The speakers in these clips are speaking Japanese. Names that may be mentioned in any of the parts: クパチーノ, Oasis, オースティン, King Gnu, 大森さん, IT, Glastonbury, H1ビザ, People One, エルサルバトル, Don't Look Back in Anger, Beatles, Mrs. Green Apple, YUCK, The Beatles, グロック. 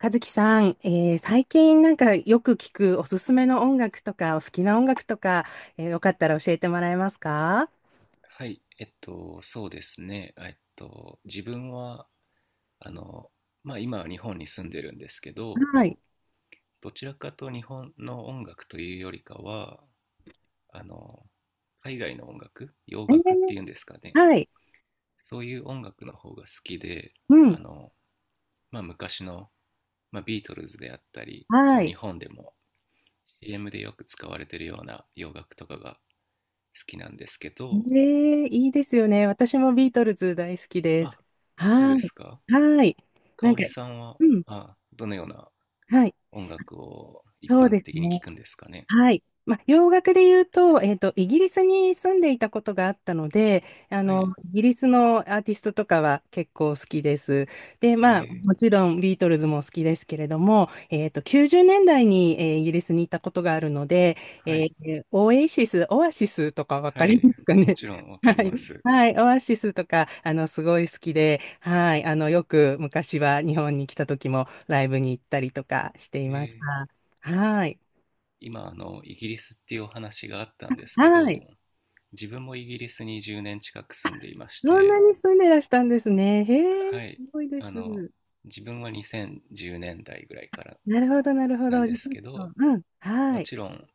和樹さん、最近なんかよく聞くおすすめの音楽とか、お好きな音楽とか、よかったら教えてもらえますか？はい、そうですね。自分は、あの、まあ今は日本に住んでるんですけど、はい。どちらかと日本の音楽というよりかは、あの、海外の音楽、洋え楽ってーいうんですかね。はい。そういう音楽の方が好きで、うん。あの、まあ昔の、まあ、ビートルズであったり、こはう日い。本でも CM でよく使われてるような洋楽とかが好きなんですけど、いいですよね。私もビートルズ大好きです。あ、そうはでい。すか。はい。な香んか、織さんは、うん。あ、どのようなはい。音楽を一そう般です的に聞ね。くんですかね。はい。まあ、洋楽で言うと、イギリスに住んでいたことがあったので、はい。イギリスのアーティストとかは結構好きです。で、まあ、えー、もちろんビートルズも好きですけれども、90年代に、イギリスに行ったことがあるので、はい。オエシス、オアシスとかわかはりい。ますかもね。ちろんわ かはりい。ます。はい。オアシスとか、すごい好きで、はい。よく昔は日本に来た時もライブに行ったりとかしていえましー、た。はい。今、イギリスっていうお話があったんですけはど、い。自分もイギリスに10年近く住んでいましそんなて、に住んでらしたんですね。へえ、すはい。ごいです。あの、自分は2010年代ぐらいからなるほど、なるほなんど。でじゃあちすょっけど、と、うん、はもい、ちろん、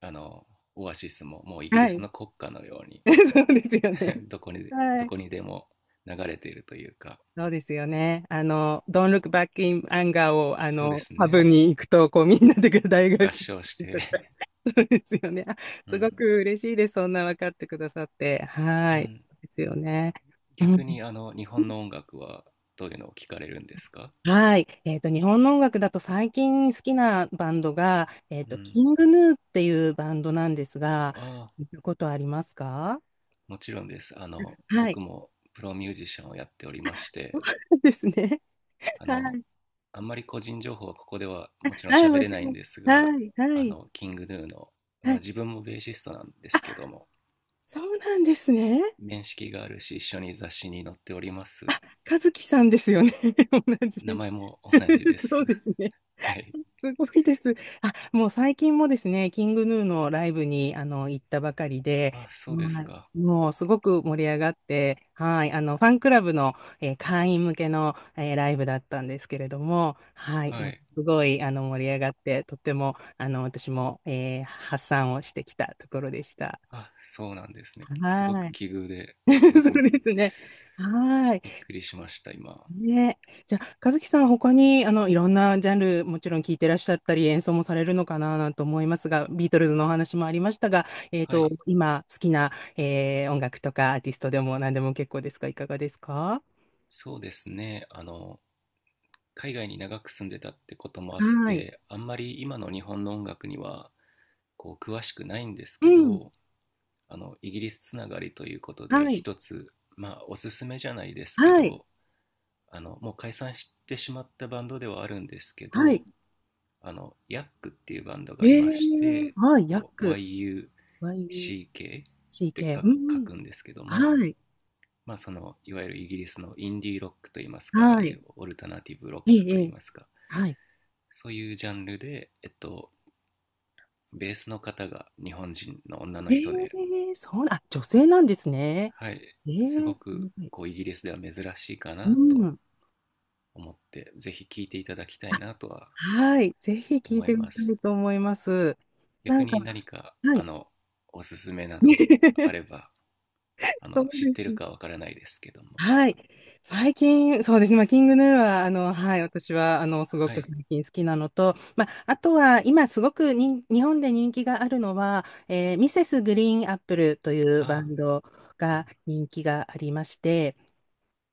あの、オアシスももうイギはリスい。の国歌のように そうですよね。どはい。こにでも流れているというか、そうですよね。Don't Look Back in Anger を、そうですパブね。に行くと、こう、みんなで 大合唱合し唱したりとか。て そうですよね。あ、 うすごん。く嬉しいです。そんな分かってくださって。はうい。ん、そうですよね。うん。逆にあの日本の音楽はどういうのを聞かれるんですか。はい。日本の音楽だと最近好きなバンドが、うん、キングヌーっていうバンドなんですが、ああ、聞いたことありますか？もちろんです。あの、は僕い。もプロミュージシャンをやっておりま しそうて、なんですね。あはの、い。あんまり個人情報はここではもちろんはい、喋もれちないろんん。ですが、はい、はい、キングヌーの、まはあい。自分もベーシストなんであ、すけども、そうなんですね。面識があるし、一緒に雑誌に載っております。あ、和樹さんですよね。同名じ。前も同じで そうす。ですね。はい。すごいです。あ、もう最近もですね、キングヌーのライブに行ったばかりで、あ、そうですはか。い、もうすごく盛り上がって、はい、あのファンクラブの、会員向けの、ライブだったんですけれども、はい、はもうい。すごいあの盛り上がって、とってもあの私も、発散をしてきたところでした。あ、そうなんですね。すごはくい、奇遇で、すそごくうですね。はい。びっくりしました、今。ね。じゃあ、和樹さん、他に、いろんなジャンル、もちろん聞いてらっしゃったり、演奏もされるのかな、なんて思いますが、ビートルズのお話もありましたが、はい。今、好きな、音楽とか、アーティストでも何でも結構ですが、いかがですか？そうですね。海外に長く住んでたってこともあっはい。て、あんまり今の日本の音楽には、こう、詳しくないんですうけん。ど、イギリスつながりということで、はい。一つ、まあ、おすすめじゃないですけはい。ど、もう解散してしまったバンドではあるんですけはど、い。ヤックっていうバンドえがいまして、ー、YUCK っはい。ヤック。て YUCK。う書んうん。くんですけども、はい。まあそのいわゆるイギリスのインディーロックといいますか、ああはいい。うオルタナティブロッえクえ、とえいいえ、ますか、はい。そういうジャンルで、えっと、ベースの方が日本人の女のえ人で、ー、そうな、あ、女性なんですね。はい、えすー、ごくはい、こうイギリスでは珍しいかうなとん。思って、ぜひ聴いていただきたいなとははい、ぜひ聞い思いてみまたす。いと思います。な逆んか、に何かはあい。のおすすめなどあれ ば、あその、う知っでてするね。かわからないですけども。はい。最近、そうですね。まあ、キングヌーは、はい、私は、すごはくい。最近好きなのと、まあ、あとは、今、すごくに、日本で人気があるのは、ミセスグリーンアップルというバあ、ンドが人気がありまして、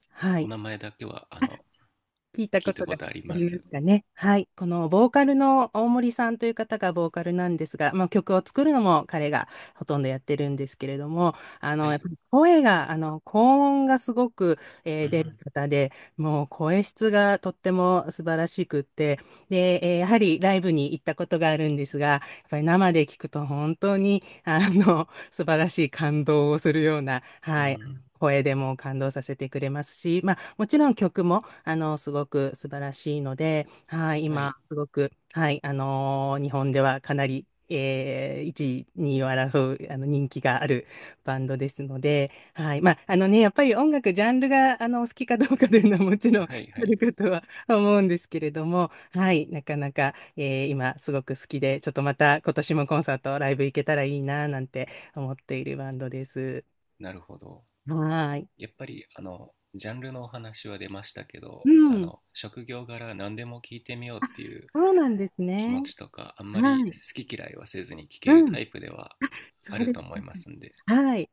はおい。名前だけはあの聞いた聞こいとたこがとありあまりますす。かね。はい。このボーカルの大森さんという方がボーカルなんですが、まあ、曲を作るのも彼がほとんどやってるんですけれども、はやっい。ぱり声が、高音がすごく、う出るん方で、もう声質がとっても素晴らしくって、で、やはりライブに行ったことがあるんですが、やっぱり生で聞くと本当に、素晴らしい感動をするような、うはい。ん。声でも感動させてくれますし、まあ、もちろん曲も、すごく素晴らしいので、はい、は今、い。すごく、はい、日本ではかなり、1位、2位を争う、人気があるバンドですので、はい、まあ、あのね、やっぱり音楽、ジャンルが、お好きかどうかというのはもちろん あはいはるい。かとは思うんですけれども、はい、なかなか、今、すごく好きで、ちょっとまた、今年もコンサート、ライブ行けたらいいな、なんて思っているバンドです。なるほど。はい。やっぱり、あの、ジャンルのお話は出ましたけど、うあん。の、職業柄何でも聞いてみようっていうそうなんです気ね。持ちとか、あんまりはい。好き嫌いはせずに聞けうるタん。イプではそあうるです。と思いますんで。はい。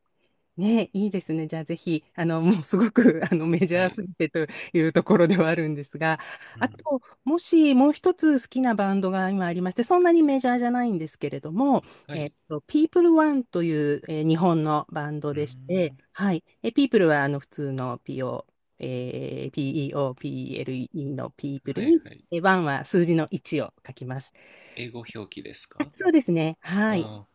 ね、いいですね。じゃあぜひ、もうすごく、メジはャーい。すぎてというところではあるんですが、うあん。と、もしもう一つ好きなバンドが今ありまして、そんなにメジャーじゃないんですけれども、はい。People One という、日本のバンドうーでして、ん。はい。え、People は、普通の PO、えー PEOPLE の People はいに、はい。え、1は数字の1を書きます。英語表記ですか。そうですね。はい。ああ、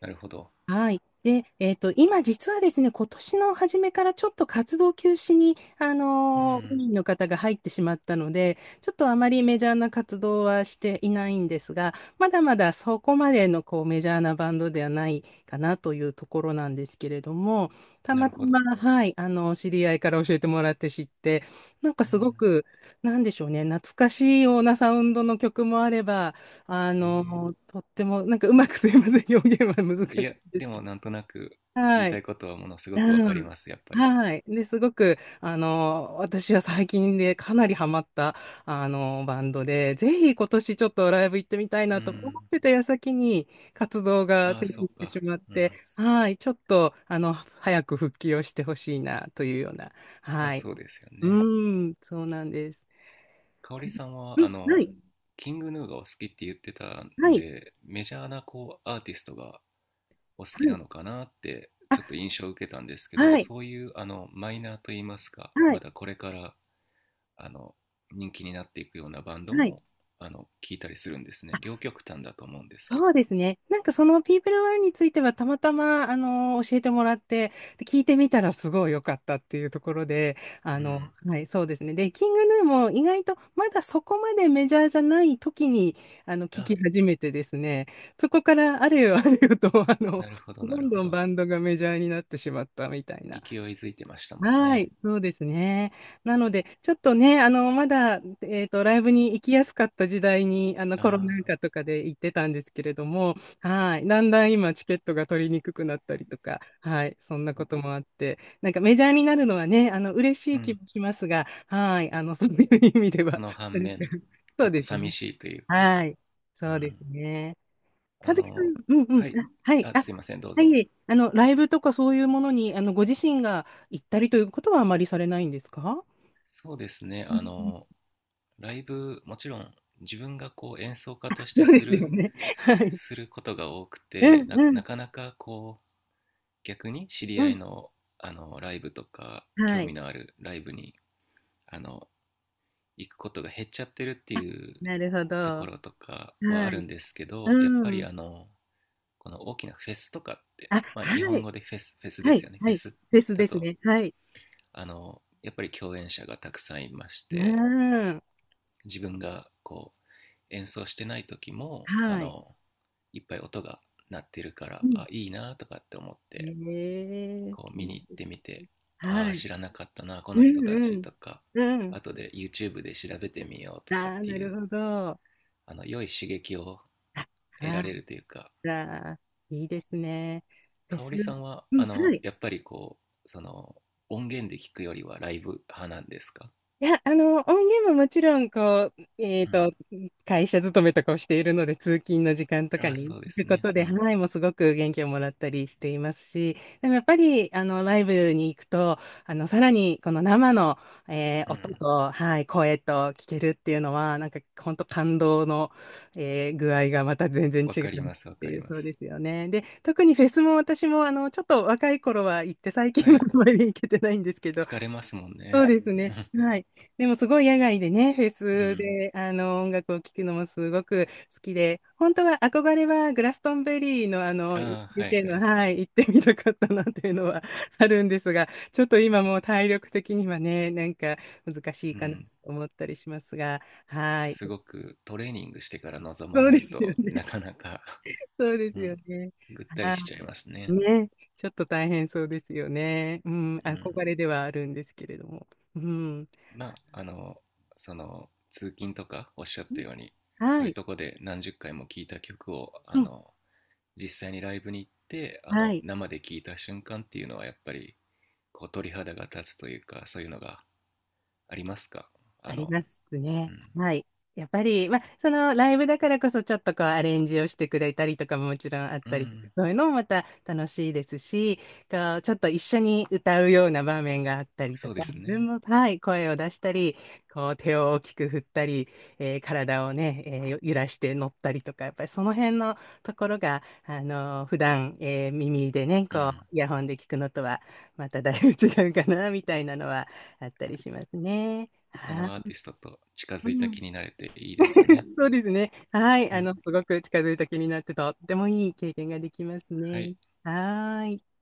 なるほど。はい。で、今実はですね、今年の初めからちょっと活動休止に、う委ん。員の方が入ってしまったので、ちょっとあまりメジャーな活動はしていないんですが、まだまだそこまでのこうメジャーなバンドではないかなというところなんですけれども、たなまるたほま、ど。はい、知り合いから教えてもらって知って、なんかうすごん。く、なんでしょうね、懐かしいようなサウンドの曲もあれば、えとっても、なんかうまくすいません、表現は難え。いしいや、んでですけもど。なんとなく言いはたいい。ことはものすごくわうかりん。ます、やっぱり。はい。で、すごく、私は最近でかなりハマった、バンドで、ぜひ今年ちょっとライブ行ってみたいうなと思っん。てた矢先に活動があ停あ、止そうしてしか。まっうて、ん。はい。ちょっと、早く復帰をしてほしいな、というような。まあはい。そうですようね。ん、そうなんです。香織さんうは、あん、はの、い。キングヌーがお好きって言ってたんはい。で、メジャーなこうアーティストがお好はきない。のかなってちょっと印象を受けたんですけど、はい。そういうあのマイナーといいますか、はまい。だこれから、あの、人気になっていくようなバンドはい。もあの聞いたりするんですね。両極端だと思うんですけど。そうですね。なんかそのピープルワンについてはたまたま、教えてもらって、で聞いてみたらすごい良かったっていうところで、うん。はい、そうですね。で、キングヌーも意外とまだそこまでメジャーじゃない時に、聞あ、き始めてですね、そこからあれよあれよと、なるほどなどるんほどんど。バンドがメジャーになってしまったみたいな。勢いづいてましたもんはね。い、そうですね。なので、ちょっとね、まだ、ライブに行きやすかった時代に、あコロナあ、禍とかで行ってたんですけれども、はい、だんだん今、チケットが取りにくくなったりとか、はい、そんなこともあって、なんかメジャーになるのはね、嬉しうい気ん。もしますが、はい、そういう意味でそは、のな反んか、面、そちょうっとです寂ね。しいというか、はい、うそうですん。ね。あ和樹さの、ん、うんうん、はあ、い。はい、あ、あ、すいません、どうはぞ。い、ライブとかそういうものに、ご自身が行ったりということはあまりされないんですか？そうですね、うあんうん、の、ライブ、もちろん自分がこう演奏家としそてうですすよる、ね。はい。することが多くうて、んうなかん、なかこう、逆に知りう合いん。の、あの、ライブとか、は興味い。のあるライブに、あの、行くことが減っちゃってるっていうなるほとこど。ろとかはあはるい。んですけど、やっうぱりん。あの、この大きなフェスとかって、あ、まあ、日は本い。語でフェスではすい。よね、フはェい。スフェスだですと、ね。はい。あのやっぱり共演者がたくさんいましうて、ん。自分がこう演奏してない時もあはい。のいっぱい音が鳴ってるから、うん。あ、いいなとかって思っえて、え、こうい見にい行っでてすね。みて、はあ、い。知らなかったなこうの人たち、んうん。とかうん。後で YouTube で調べてみようとかっああ、てないるう、ほど。あ、あの、良い刺激を得はられるというか。い。ああ、いいですね。フェ香ス、織さんは、うん、あはの、い。やっぱりこう、その、音源で聞くよりはライブ派なんですか。いや、音源ももちろん、こう、うん。会社勤めとかをしているので、通勤の時間とかあ、にそうで聞すくこね。とうで、ん。はい、もうすごく元気をもらったりしていますし、でもやっぱり、ライブに行くと、さらに、この生の、う音ん。と、はい、声と聞けるっていうのは、なんか、本当感動の、具合がまた全然わ違うかりっます、わてかいりう、まそうす。ですよね。で、特にフェスも私も、ちょっと若い頃は行って、最近ははあい。んまり行けてないんですけど、疲れますもんそうね。ですね。はい。でもすごい野外でね、フェうスん。で、音楽を聴くのもすごく好きで、本当は憧れはグラストンベリーのあの、ああー、はい UK はの、い。はい、行ってみたかったなっていうのはあるんですが、ちょっと今もう体力的にはね、なんか難しいうかなとん。思ったりしますが、はい。すごくトレーニングしてから臨まそうなでいすよとね。なかなか、 そうでうすよん、ね。ぐったりあ、しちゃいますね。ね。ちょっと大変そうですよね。うん、うん。憧れではあるんですけれども。うん。まあ、あの、その、通勤とかおっしゃったように、そはういうい。とこで何十回も聴いた曲を、うあん、の、実際にライブに行ってあはのい。生で聴いた瞬間っていうのはやっぱりこう鳥肌が立つというか、そういうのがありますか、あありの。ますうね。ん、はい。やっぱり、まあ、そのライブだからこそちょっとこうアレンジをしてくれたりとかももちろんあっうたりとか、ん、そういうのもまた楽しいですし、こうちょっと一緒に歌うような場面があったりとそうか、で自す分ね。も、はい、声を出したり、こう手を大きく振ったり、体をね、揺らして乗ったりとか、やっぱりその辺のところが、あの普段、耳でね、うこうん。イヤホンで聞くのとはまただいぶ違うかな、みたいなのはあったりしますね。そはのアーい。ティストと近うづいたん、気になれていいですよね。そうですね。はい。うん。すごく近づいた気になって、とってもいい経験ができますはね。い。はーい。